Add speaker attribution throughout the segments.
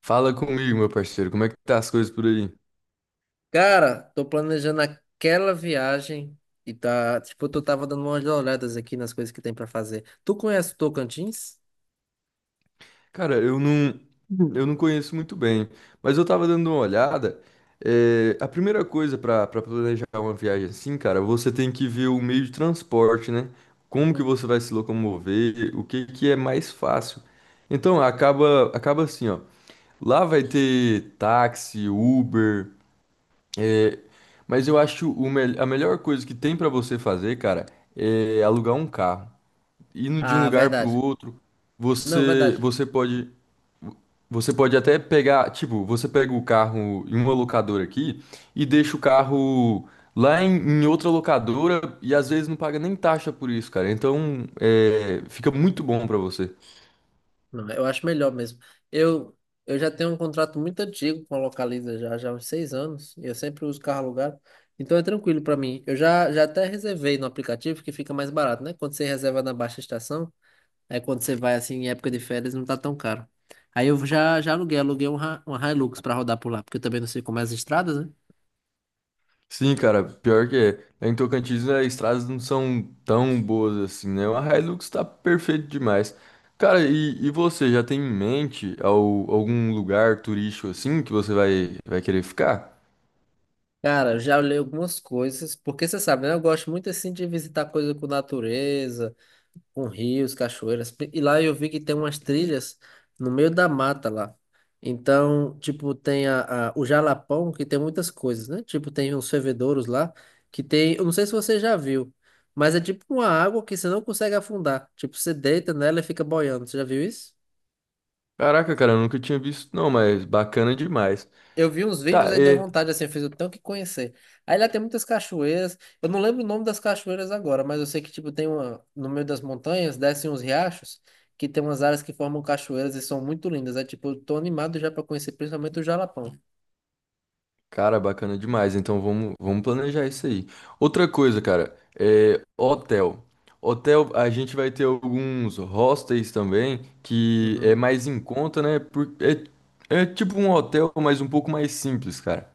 Speaker 1: Fala comigo, meu parceiro, como é que tá as coisas por aí?
Speaker 2: Cara, tô planejando aquela viagem e tá, tipo, eu tava dando umas olhadas aqui nas coisas que tem pra fazer. Tu conhece o Tocantins?
Speaker 1: Cara, eu não conheço muito bem, mas eu tava dando uma olhada. A primeira coisa pra planejar uma viagem assim, cara, você tem que ver o meio de transporte, né? Como que
Speaker 2: Hum.
Speaker 1: você vai se locomover, o que que é mais fácil. Então, acaba assim, ó. Lá vai ter táxi, Uber, é, mas eu acho a melhor coisa que tem pra você fazer, cara, é alugar um carro. Indo de um
Speaker 2: Ah,
Speaker 1: lugar para o
Speaker 2: verdade.
Speaker 1: outro,
Speaker 2: Não,
Speaker 1: você
Speaker 2: verdade.
Speaker 1: você pode você pode até pegar, tipo, você pega o carro em uma locadora aqui e deixa o carro lá em outra locadora e às vezes não paga nem taxa por isso, cara. Então, fica muito bom para você.
Speaker 2: Não, eu acho melhor mesmo. Eu, eu já tenho um contrato muito antigo com a Localiza, já há uns 6 anos, e eu sempre uso carro alugado. Então é tranquilo pra mim. Eu já até reservei no aplicativo que fica mais barato, né? Quando você reserva na baixa estação. Aí quando você vai assim em época de férias não tá tão caro. Aí eu já aluguei uma Hilux pra rodar por lá, porque eu também não sei como é as estradas, né?
Speaker 1: Sim, cara, pior que é. Lá em Tocantins, né, as estradas não são tão boas assim, né? A Hilux tá perfeito demais. Cara, e você já tem em mente algum lugar turístico assim que você vai querer ficar?
Speaker 2: Cara, eu já olhei algumas coisas, porque você sabe, né? Eu gosto muito assim de visitar coisa com natureza, com rios, cachoeiras. E lá eu vi que tem umas trilhas no meio da mata lá. Então, tipo, tem o Jalapão, que tem muitas coisas, né? Tipo, tem uns fervedouros lá, que tem, eu não sei se você já viu, mas é tipo uma água que você não consegue afundar. Tipo, você deita nela e fica boiando. Você já viu isso?
Speaker 1: Caraca, cara, eu nunca tinha visto, não, mas bacana demais.
Speaker 2: Eu vi uns vídeos
Speaker 1: Tá,
Speaker 2: aí deu
Speaker 1: é.
Speaker 2: vontade, assim, eu fiz o tanto que conhecer. Aí lá tem muitas cachoeiras. Eu não lembro o nome das cachoeiras agora, mas eu sei que, tipo, tem uma. No meio das montanhas, descem uns riachos, que tem umas áreas que formam cachoeiras e são muito lindas. É tipo, eu tô animado já pra conhecer, principalmente o Jalapão.
Speaker 1: Cara, bacana demais. Então vamos planejar isso aí. Outra coisa, cara, é hotel. Hotel, a gente vai ter alguns hostels também, que é
Speaker 2: Uhum,
Speaker 1: mais em conta, né? É tipo um hotel, mas um pouco mais simples, cara.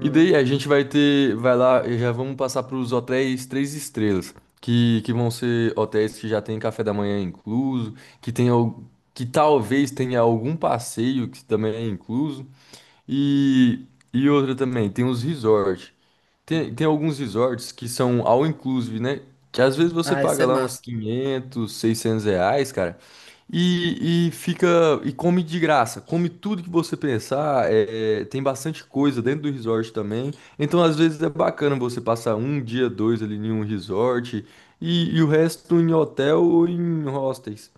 Speaker 1: E daí a gente vai ter, vai lá, e já vamos passar para os hotéis três estrelas, que vão ser hotéis que já tem café da manhã incluso, que tem, al- que talvez tenha algum passeio que também é incluso. E, e outra também, tem os resorts. Tem,
Speaker 2: uhum.
Speaker 1: tem alguns resorts que são all inclusive, né? Que às vezes você
Speaker 2: Ah, isso
Speaker 1: paga
Speaker 2: é
Speaker 1: lá uns
Speaker 2: massa.
Speaker 1: 500 R$ 600, cara, e fica e come de graça. Come tudo que você pensar. Tem bastante coisa dentro do resort também. Então, às vezes é bacana você passar um dia, dois ali em um resort e o resto em hotel ou em hostels.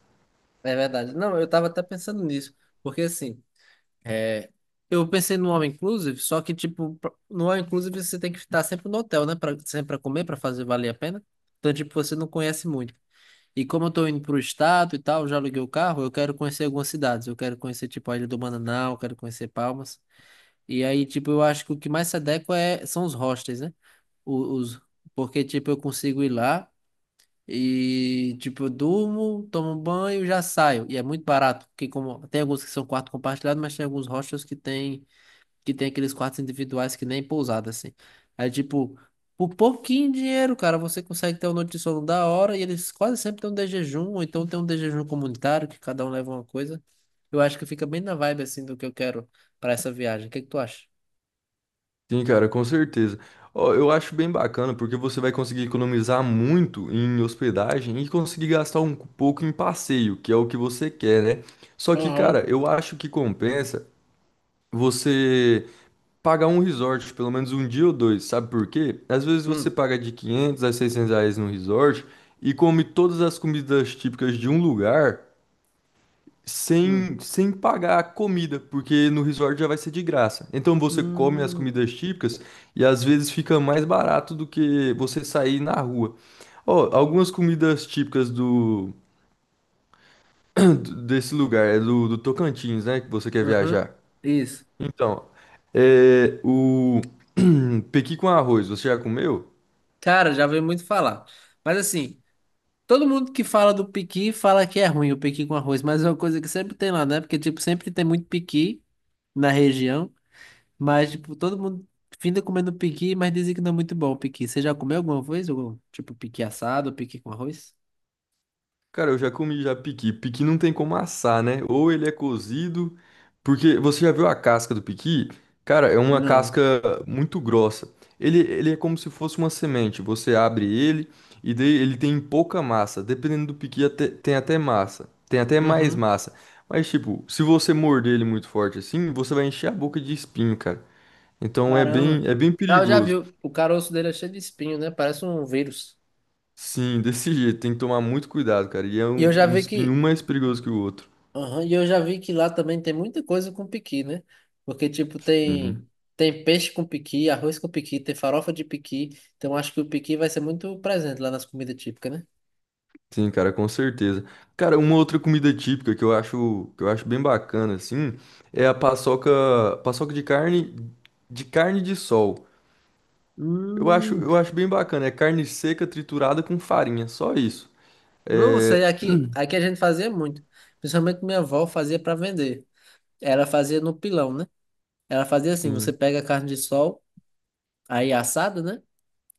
Speaker 2: É verdade. Não, eu tava até pensando nisso. Porque assim. É, eu pensei no all inclusive, só que tipo, pra- no all inclusive você tem que estar sempre no hotel, né? Pra, sempre pra comer, pra fazer valer a pena. Então, tipo, você não conhece muito. E como eu tô indo pro estado e tal, já aluguei o carro, eu quero conhecer algumas cidades. Eu quero conhecer, tipo, a Ilha do Mananal, eu quero conhecer Palmas. E aí, tipo, eu acho que o que mais se adequa é, são os hostels, né? O- Os, porque, tipo, eu consigo ir lá e, tipo, eu durmo, tomo um banho, já saio. E é muito barato, porque como tem alguns que são quarto compartilhado, mas tem alguns hostels que tem aqueles quartos individuais que nem pousada, assim. Aí, tipo, por pouquinho dinheiro, cara, você consegue ter um noite de sono da hora e eles quase sempre têm um de jejum, ou então tem um de jejum comunitário, que cada um leva uma coisa. Eu acho que fica bem na vibe, assim, do que eu quero para essa viagem. O que que tu acha?
Speaker 1: Sim, cara, com certeza. Ó, eu acho bem bacana porque você vai conseguir economizar muito em hospedagem e conseguir gastar um pouco em passeio, que é o que você quer, né? Só que,
Speaker 2: Aham.
Speaker 1: cara, eu acho que compensa você pagar um resort, pelo menos um dia ou dois, sabe por quê? Às vezes você
Speaker 2: Hum,
Speaker 1: paga de R$ 500 a 600 no resort e come todas as comidas típicas de um lugar
Speaker 2: hum,
Speaker 1: sem pagar a comida, porque no resort já vai ser de graça. Então você come as
Speaker 2: hum,
Speaker 1: comidas típicas e às vezes fica mais barato do que você sair na rua. Ó, algumas comidas típicas do desse lugar, é do Tocantins, né, que você quer
Speaker 2: uhum,
Speaker 1: viajar.
Speaker 2: isso.
Speaker 1: Então, é o pequi com arroz, você já comeu?
Speaker 2: Cara, já veio muito falar. Mas assim, todo mundo que fala do piqui fala que é ruim o piqui com arroz, mas é uma coisa que sempre tem lá, né? Porque, tipo, sempre tem muito piqui na região. Mas, tipo, todo mundo finda comendo piqui, mas dizem que não é muito bom o piqui. Você já comeu alguma vez? Algum, tipo, piqui assado, ou piqui com arroz?
Speaker 1: Cara, eu já comi já piqui. Piqui não tem como assar, né? Ou ele é cozido, porque você já viu a casca do piqui? Cara, é uma
Speaker 2: Não.
Speaker 1: casca muito grossa. Ele é como se fosse uma semente. Você abre ele e daí ele tem pouca massa. Dependendo do piqui, tem até massa. Tem até mais
Speaker 2: Uhum.
Speaker 1: massa. Mas, tipo, se você morder ele muito forte assim, você vai encher a boca de espinho, cara. Então é
Speaker 2: Caramba.
Speaker 1: bem, é bem
Speaker 2: Ah, eu já vi.
Speaker 1: perigoso.
Speaker 2: O caroço dele é cheio de espinho, né? Parece um vírus.
Speaker 1: Sim, desse jeito. Tem que tomar muito cuidado, cara. E é
Speaker 2: E eu já
Speaker 1: um
Speaker 2: vi
Speaker 1: espinho
Speaker 2: que.
Speaker 1: um mais perigoso que o outro.
Speaker 2: Aham, e eu já vi que lá também tem muita coisa com piqui, né? Porque, tipo,
Speaker 1: Uhum.
Speaker 2: tem. Tem peixe com piqui, arroz com piqui, tem farofa de piqui. Então, acho que o piqui vai ser muito presente lá nas comidas típicas, né?
Speaker 1: Sim, cara, com certeza. Cara, uma outra comida típica que eu acho bem bacana, assim, é a paçoca, paçoca de carne, de carne de sol. Eu acho,
Speaker 2: Hum.
Speaker 1: eu acho bem bacana. É carne seca triturada com farinha, só isso.
Speaker 2: Não, isso
Speaker 1: É,
Speaker 2: aí aqui, aqui a gente fazia muito. Principalmente minha avó fazia para vender. Ela fazia no pilão, né? Ela fazia assim, você
Speaker 1: sim.
Speaker 2: pega a carne de sol, aí é assada, né?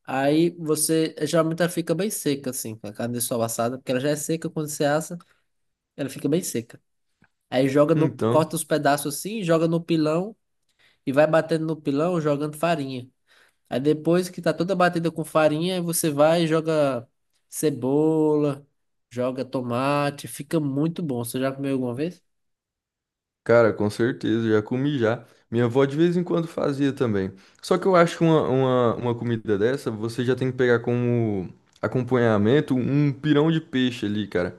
Speaker 2: Aí você, geralmente ela fica bem seca, assim, com a carne de sol assada, porque ela já é seca quando você assa, ela fica bem seca. Aí joga no,
Speaker 1: Então,
Speaker 2: corta os pedaços assim, joga no pilão e vai batendo no pilão, jogando farinha. Aí depois que tá toda batida com farinha, aí você vai e joga cebola, joga tomate, fica muito bom. Você já comeu alguma vez?
Speaker 1: cara, com certeza, já comi já. Minha avó de vez em quando fazia também. Só que eu acho que uma comida dessa, você já tem que pegar como acompanhamento um pirão de peixe ali, cara.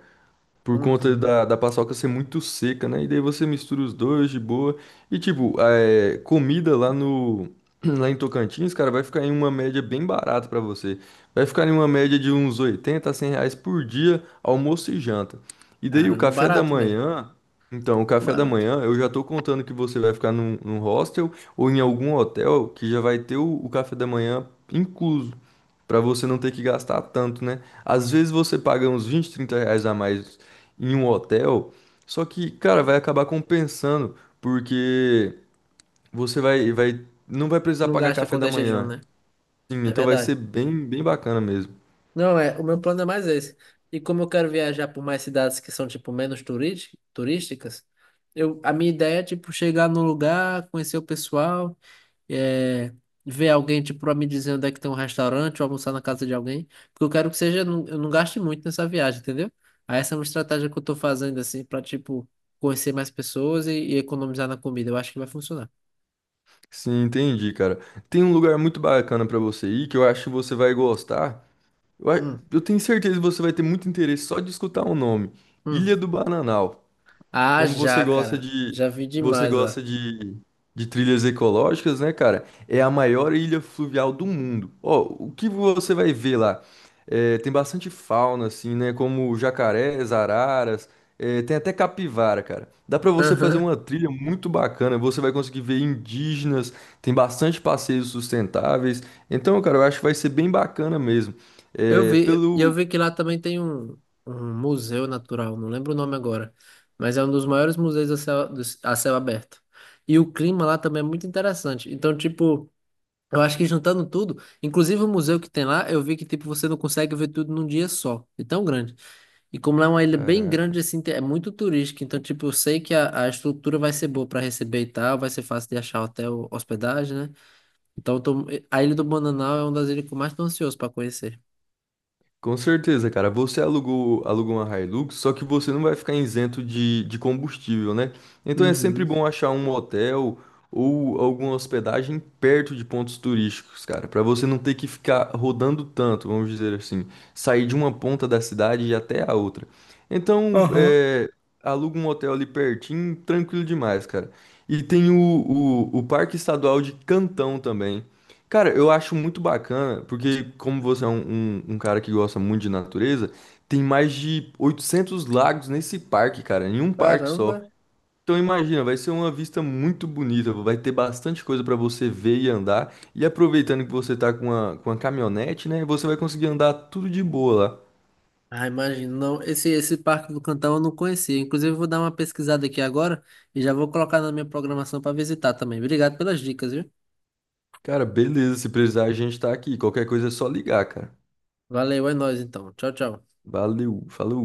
Speaker 1: Por conta
Speaker 2: Uhum.
Speaker 1: da paçoca ser muito seca, né? E daí você mistura os dois de boa. E tipo, comida lá no lá em Tocantins, cara, vai ficar em uma média bem barata pra você. Vai ficar em uma média de uns 80, a R$ 100 por dia, almoço e janta. E daí o
Speaker 2: Caramba,
Speaker 1: café da
Speaker 2: barato mesmo.
Speaker 1: manhã. Então, o café da
Speaker 2: Barato.
Speaker 1: manhã, eu já tô contando que você vai ficar num hostel ou em algum hotel que já vai ter o café da manhã incluso. Pra você não ter que gastar tanto, né? Às vezes você paga uns 20, R$ 30 a mais em um hotel. Só que, cara, vai acabar compensando, porque você não vai precisar
Speaker 2: Não
Speaker 1: pagar
Speaker 2: gasta
Speaker 1: café
Speaker 2: quando
Speaker 1: da
Speaker 2: é jejum,
Speaker 1: manhã.
Speaker 2: né?
Speaker 1: Sim,
Speaker 2: É
Speaker 1: então vai ser
Speaker 2: verdade.
Speaker 1: bem, bem bacana mesmo.
Speaker 2: Não, é, o meu plano é mais esse. E como eu quero viajar por mais cidades que são, tipo, turísticas, eu, a minha ideia é, tipo, chegar num lugar, conhecer o pessoal. É, ver alguém, tipo, pra me dizer onde é que tem um restaurante ou almoçar na casa de alguém, porque eu quero que seja, eu não gaste muito nessa viagem, entendeu? Aí essa é uma estratégia que eu tô fazendo, assim, pra, tipo, conhecer mais pessoas e economizar na comida. Eu acho que vai funcionar.
Speaker 1: Sim, entendi, cara. Tem um lugar muito bacana pra você ir que eu acho que você vai gostar. Eu, a-
Speaker 2: Hum,
Speaker 1: eu tenho certeza que você vai ter muito interesse só de escutar o nome.
Speaker 2: hum.
Speaker 1: Ilha do Bananal.
Speaker 2: Ah,
Speaker 1: Como você
Speaker 2: já,
Speaker 1: gosta
Speaker 2: cara. Já vi
Speaker 1: você
Speaker 2: demais lá.
Speaker 1: gosta de, de trilhas ecológicas, né, cara? É a maior ilha fluvial do mundo. Ó, o que você vai ver lá? É, tem bastante fauna, assim, né? Como jacarés, araras, tem até capivara, cara. Dá pra você fazer
Speaker 2: Aham.
Speaker 1: uma trilha muito bacana. Você vai conseguir ver indígenas, tem bastante passeios sustentáveis. Então, cara, eu acho que vai ser bem bacana mesmo.
Speaker 2: Eu
Speaker 1: É,
Speaker 2: vi, e eu
Speaker 1: pelo.
Speaker 2: vi que lá também tem um museu natural, não lembro o nome agora, mas é um dos maiores museus a céu aberto. E o clima lá também é muito interessante. Então, tipo, eu acho que juntando tudo, inclusive o museu que tem lá, eu vi que tipo você não consegue ver tudo num dia só, é tão grande. E como lá é uma ilha bem
Speaker 1: Caraca.
Speaker 2: grande assim, é muito turística, então tipo eu sei que a estrutura vai ser boa para receber e tal, vai ser fácil de achar hotel, hospedagem, né? Então eu tô- a Ilha do Bananal é uma das ilhas que eu mais tô ansioso para conhecer.
Speaker 1: Com certeza, cara. Você alugou uma Hilux, só que você não vai ficar isento de combustível, né? Então é sempre
Speaker 2: Uhum.
Speaker 1: bom achar um hotel ou alguma hospedagem perto de pontos turísticos, cara, para você não ter que ficar rodando tanto, vamos dizer assim, sair de uma ponta da cidade e ir até a outra. Então,
Speaker 2: Aham.
Speaker 1: aluga um hotel ali pertinho, tranquilo demais, cara. E tem o Parque Estadual de Cantão também. Cara, eu acho muito bacana, porque como você é um cara que gosta muito de natureza, tem mais de 800 lagos nesse parque, cara, em um parque só.
Speaker 2: Caramba.
Speaker 1: Então imagina, vai ser uma vista muito bonita, vai ter bastante coisa pra você ver e andar. E aproveitando que você tá com a caminhonete, né, você vai conseguir andar tudo de boa lá.
Speaker 2: Ah, imagino. Não, esse Parque do Cantão eu não conhecia. Inclusive, eu vou dar uma pesquisada aqui agora e já vou colocar na minha programação para visitar também. Obrigado pelas dicas, viu?
Speaker 1: Cara, beleza, se precisar a gente tá aqui, qualquer coisa é só ligar, cara.
Speaker 2: Valeu, é nóis então. Tchau, tchau.
Speaker 1: Valeu, falou.